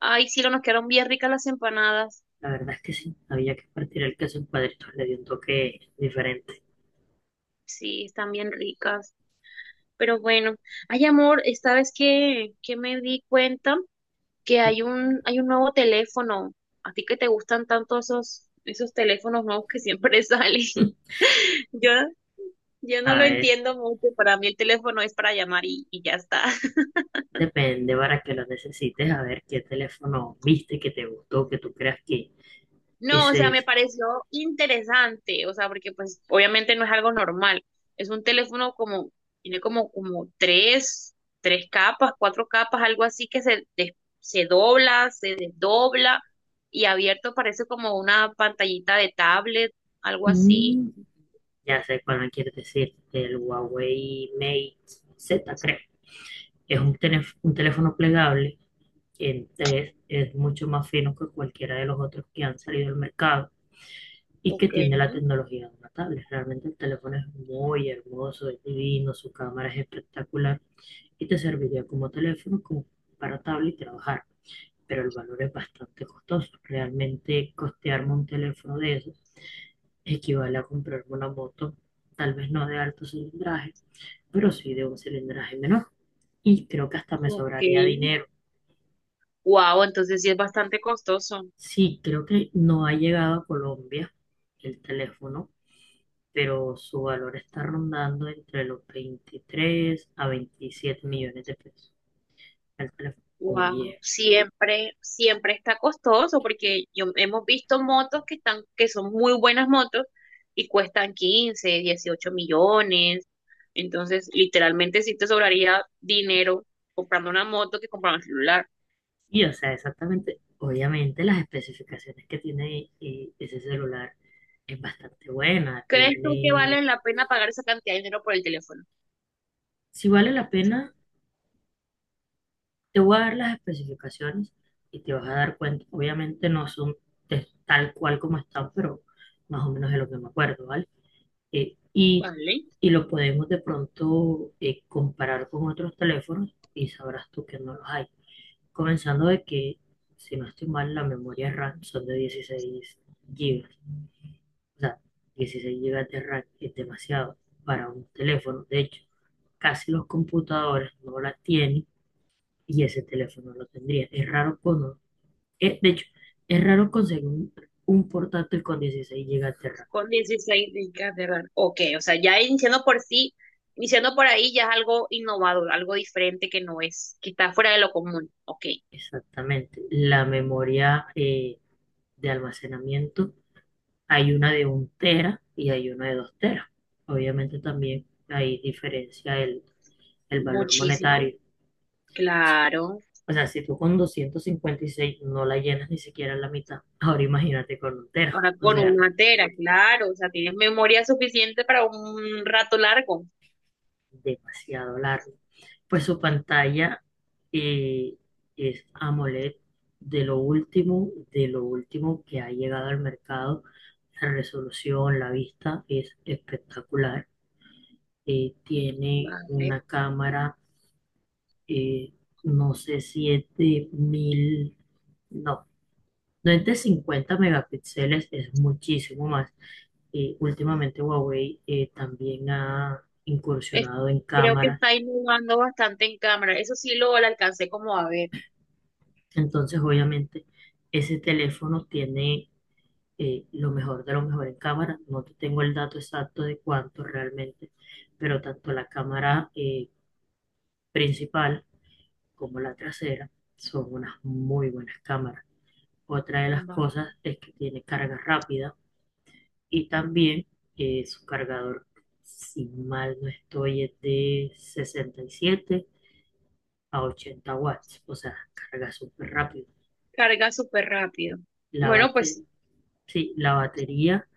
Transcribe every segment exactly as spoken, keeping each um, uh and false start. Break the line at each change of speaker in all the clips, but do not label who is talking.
Ay, sí, nos quedaron bien ricas las empanadas.
La verdad es que sí, había que partir el queso en cuadritos, le dio un toque diferente.
Sí, están bien ricas. Pero bueno, ay, amor, esta vez que, que me di cuenta que hay un, hay un nuevo teléfono. A ti que te gustan tanto esos, esos teléfonos nuevos que siempre salen. Yo, yo no
A
lo
ver,
entiendo mucho. Para mí el teléfono es para llamar y, y ya está.
depende para que lo necesites, a ver qué teléfono viste que te gustó, que tú creas que
No, o
ese
sea, me
es.
pareció interesante, o sea, porque pues obviamente no es algo normal. Es un teléfono como, tiene como, como tres, tres capas, cuatro capas, algo así que se, des- se dobla, se desdobla y abierto parece como una pantallita de tablet, algo así.
Mm, ya sé cuál me quieres decir, el Huawei Mate Z, creo. Es un, teléf- un teléfono plegable, que es, es mucho más fino que cualquiera de los otros que han salido al mercado. Y que
Ok,
tiene la tecnología de una tablet. Realmente el teléfono es muy hermoso, es divino, su cámara es espectacular y te serviría como teléfono, como para tablet y trabajar. Pero el valor es bastante costoso. Realmente costearme un teléfono de esos equivale a comprarme una moto, tal vez no de alto cilindraje, pero sí de un cilindraje menor. Y creo que hasta me
ok.
sobraría dinero.
Wow, entonces sí es bastante costoso.
Sí, creo que no ha llegado a Colombia el teléfono, pero su valor está rondando entre los veintitrés a veintisiete millones de pesos el teléfono.
Wow,
Oye,
siempre, siempre está costoso porque yo hemos visto motos que están, que son muy buenas motos y cuestan quince, dieciocho millones. Entonces, literalmente sí te sobraría dinero comprando una moto que comprar un celular.
y o sea, exactamente, obviamente las especificaciones que tiene eh, ese celular es bastante buena,
¿Crees tú que
tiene,
vale la pena pagar esa cantidad de dinero por el teléfono?
si vale la pena, te voy a dar las especificaciones y te vas a dar cuenta, obviamente no son de- tal cual como están, pero más o menos de lo que me acuerdo, ¿vale? eh, y,
Vale,
y lo podemos de pronto eh, comparar con otros teléfonos y sabrás tú que no los hay. Comenzando de que, si no estoy mal, la memoria RAM son de dieciséis gigas. O sea, dieciséis gigas de RAM es demasiado para un teléfono. De hecho, casi los computadores no la tienen y ese teléfono lo tendría. Es raro con, eh, de hecho, es raro conseguir un, un portátil con dieciséis gigas de RAM.
con dieciséis gigas de RAM. Ok, o sea, ya iniciando por sí, iniciando por ahí ya es algo innovador, algo diferente que no es, que está fuera de lo común. Ok.
Exactamente. La memoria eh, de almacenamiento, hay una de un tera y hay una de dos teras. Obviamente también ahí diferencia el, el valor
Muchísimo.
monetario.
Claro,
O sea, si tú con doscientos cincuenta y seis no la llenas ni siquiera la mitad, ahora imagínate con un tera.
ahora
O
con
sea,
una tera, claro, o sea, tienes memoria suficiente para un rato largo,
demasiado largo. Pues su pantalla eh, es AMOLED de lo último, de lo último que ha llegado al mercado. La resolución, la vista es espectacular. Eh, tiene
¿vale?
una cámara, eh, no sé si es de mil, no, no es de cincuenta megapíxeles, es muchísimo más. Eh, últimamente Huawei eh, también ha
Es-
incursionado en
Creo que
cámaras,
está innovando bastante en cámara, eso sí lo, lo alcancé como a ver,
entonces obviamente ese teléfono tiene eh, lo mejor de lo mejor en cámara. No te tengo el dato exacto de cuánto realmente, pero tanto la cámara eh, principal como la trasera son unas muy buenas cámaras. Otra de las
¿vale?
cosas es que tiene carga rápida y también eh, su cargador, si mal no estoy, es de sesenta y siete a ochenta watts, o sea, carga súper rápido.
Carga súper rápido.
La
Bueno, pues
batería, sí, la batería,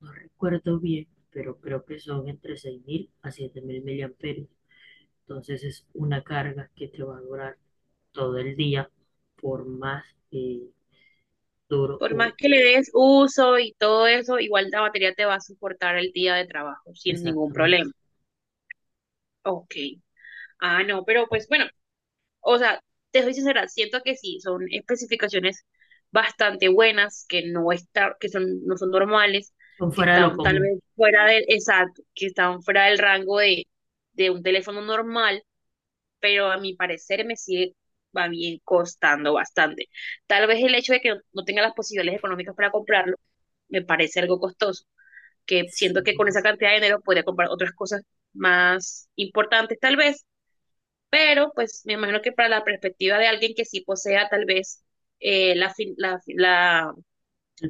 no recuerdo bien, pero creo que son entre seis mil a siete mil miliamperios. Entonces es una carga que te va a durar todo el día, por más eh, duro
por
o
más que le des uso y todo eso, igual la batería te va a soportar el día de trabajo sin ningún problema.
exactamente.
Ok. Ah, no, pero pues bueno. O sea, te soy sincera, siento que sí, son especificaciones bastante buenas, que no está, que son, no son normales,
Son
que
fuera de lo
están tal
común.
vez fuera del, exacto, que están fuera del rango de, de un teléfono normal, pero a mi parecer me sigue va bien costando bastante. Tal vez el hecho de que no, no tenga las posibilidades económicas para comprarlo me parece algo costoso, que siento que con
Sí,
esa cantidad de dinero podría comprar otras cosas más importantes tal vez, pero pues me imagino que para la perspectiva de alguien que sí posea tal vez eh, la, fin- la, la,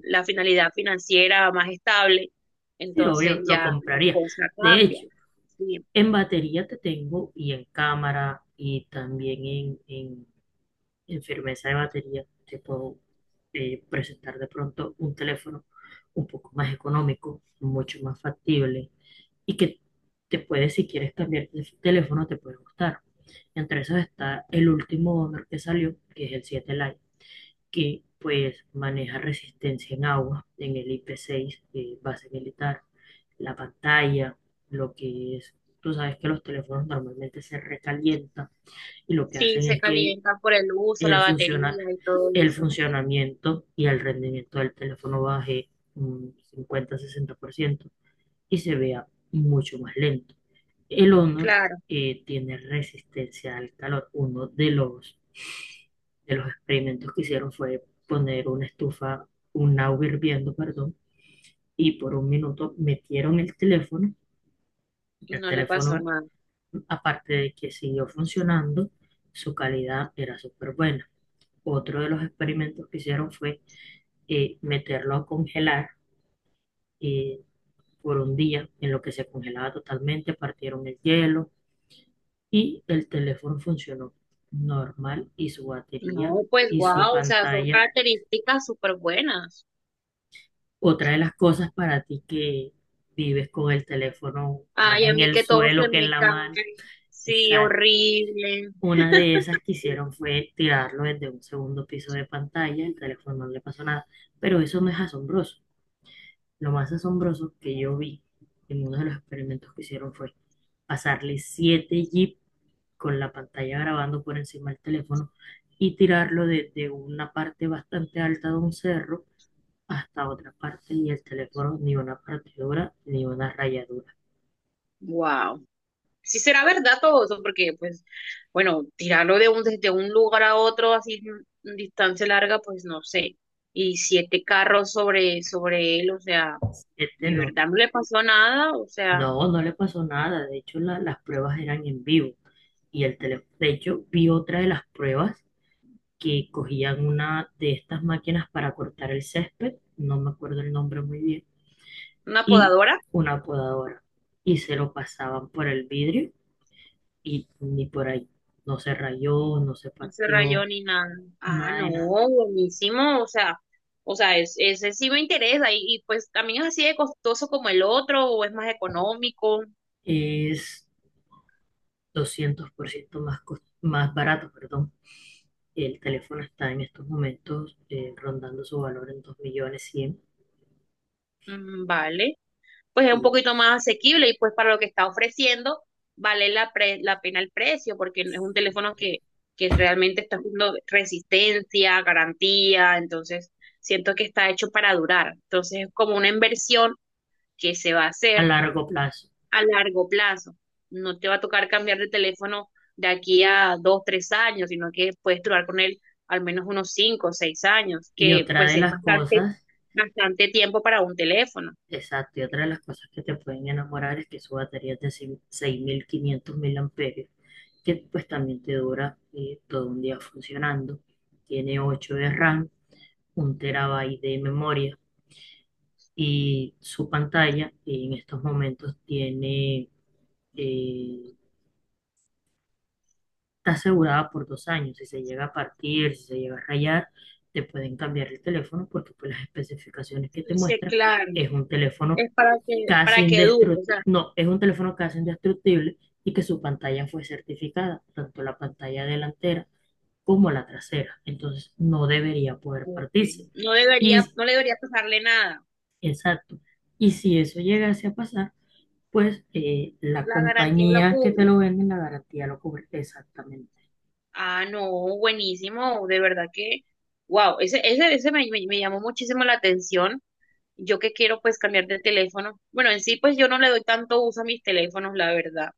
la finalidad financiera más estable,
sí, obvio,
entonces
lo
ya la
compraría.
cosa
De
cambia.
hecho,
Sí,
en batería te tengo y en cámara y también en, en- en firmeza de batería te puedo eh, presentar de pronto un teléfono un poco más económico, mucho más factible y que te puede, si quieres cambiar de teléfono, te puede gustar. Entre esos está el último Honor que salió, que es el siete Lite, que pues maneja resistencia en agua en el I P seis, eh, base militar, la pantalla, lo que es, tú sabes que los teléfonos normalmente se recalientan y lo que
sí,
hacen
se
es que
calientan por el uso, la
el, funciona,
batería y todo
el
eso.
funcionamiento y el rendimiento del teléfono baje un cincuenta sesenta por ciento y se vea mucho más lento. El Honor
Claro,
eh, tiene resistencia al calor, uno de los de los experimentos que hicieron fue poner una estufa, un agua hirviendo, perdón, y por un minuto metieron el teléfono.
y
El
no le pasó
teléfono,
nada.
aparte de que siguió funcionando, su calidad era súper buena. Otro de los experimentos que hicieron fue eh, meterlo a congelar eh, por un día, en lo que se congelaba totalmente, partieron el hielo y el teléfono funcionó normal y su batería
No, pues
y su
wow, o sea, son
pantalla.
características súper buenas.
Otra de las cosas para ti que vives con el teléfono más
Ay, a
en
mí
el
que todo se
suelo que en
me
la
cae.
mano.
Sí,
Exacto.
horrible.
Una de esas que hicieron fue tirarlo desde un segundo piso de pantalla, el teléfono no le pasó nada, pero eso no es asombroso. Lo más asombroso que yo vi en uno de los experimentos que hicieron fue pasarle siete jeep con la pantalla grabando por encima del teléfono y tirarlo desde una parte bastante alta de un cerro hasta otra parte, y el teléfono ni una partidura ni una rayadura.
Wow. Si será verdad todo eso, porque pues, bueno, tirarlo de un, desde un lugar a otro así en distancia larga, pues no sé. Y siete carros sobre, sobre él, o sea,
Este
de
no,
verdad no le pasó nada, o sea,
no, no le pasó nada. De hecho, la- las pruebas eran en vivo y el teléfono, de hecho, vi otra de las pruebas que cogían una de estas máquinas para cortar el césped, no me acuerdo el nombre muy bien,
una
y
podadora,
una podadora, y se lo pasaban por el vidrio y ni por ahí. No se rayó, no se
no se rayó
partió,
ni nada. Ah,
nada de
no,
nada.
buenísimo, o sea, o sea, es, ese sí me interesa, y, y pues también es así de costoso como el otro, o es más económico.
Es doscientos por ciento más, cos- más barato, perdón. El teléfono está en estos momentos eh, rondando su valor en dos millones cien
Mm, vale. Pues es un
y
poquito más asequible y pues para lo que está ofreciendo vale la, pre- la pena el precio porque es un teléfono que, que realmente está haciendo resistencia, garantía, entonces siento que está hecho para durar. Entonces es como una inversión que se va a
a
hacer
largo plazo.
a largo plazo. No te va a tocar cambiar de teléfono de aquí a dos, tres años, sino que puedes durar con él al menos unos cinco o seis años,
Y
que
otra
pues
de
es
las
bastante,
cosas,
bastante tiempo para un teléfono.
Exacto. Y otra de las cosas que te pueden enamorar es que su batería es de cin- seis mil quinientos mil amperios, que pues también te dura eh, todo un día funcionando. Tiene ocho de RAM, un terabyte de memoria y su pantalla eh, en estos momentos tiene eh, está asegurada por dos años. Si se llega a partir, si se llega a rayar, te pueden cambiar el teléfono porque pues las especificaciones que te
Sí,
muestran
claro.
es un teléfono
Es para que,
casi
para que dure, o
indestructible,
sea,
no, es un teléfono casi indestructible y que su pantalla fue certificada, tanto la pantalla delantera como la trasera. Entonces no debería poder
como que
partirse.
no debería,
Y,
no le debería pasarle nada.
exacto. Y si eso llegase a pasar, pues eh, la
La garantía lo
compañía que te
cubre.
lo vende, la garantía lo cubre exactamente.
Ah, no, buenísimo, de verdad que, wow, ese, ese, ese me, me, me llamó muchísimo la atención. Yo que quiero pues cambiar de teléfono. Bueno, en sí pues yo no le doy tanto uso a mis teléfonos, la verdad.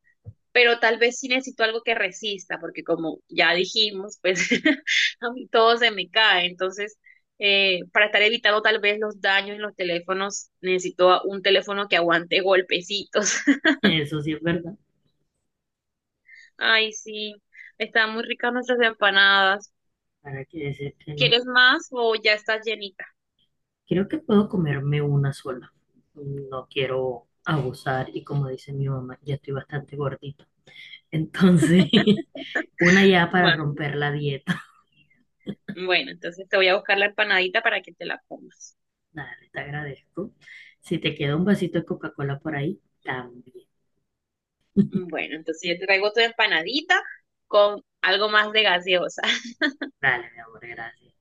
Pero tal vez sí necesito algo que resista, porque como ya dijimos, pues a mí todo se me cae. Entonces, eh, para estar evitando tal vez los daños en los teléfonos, necesito a- un teléfono que aguante golpecitos.
Eso sí es verdad.
Ay, sí, están muy ricas nuestras empanadas.
¿Para qué decirte no?
¿Quieres más o ya estás llenita?
Creo que puedo comerme una sola. No quiero abusar y como dice mi mamá, ya estoy bastante gordita. Entonces, una ya para
Vale.
romper la dieta.
Bueno, entonces te voy a buscar la empanadita para que te la comas.
Dale, te agradezco. Si te queda un vasito de Coca-Cola por ahí, también.
Bueno, entonces yo te traigo tu empanadita con algo más de gaseosa.
Dale, mi amor, gracias.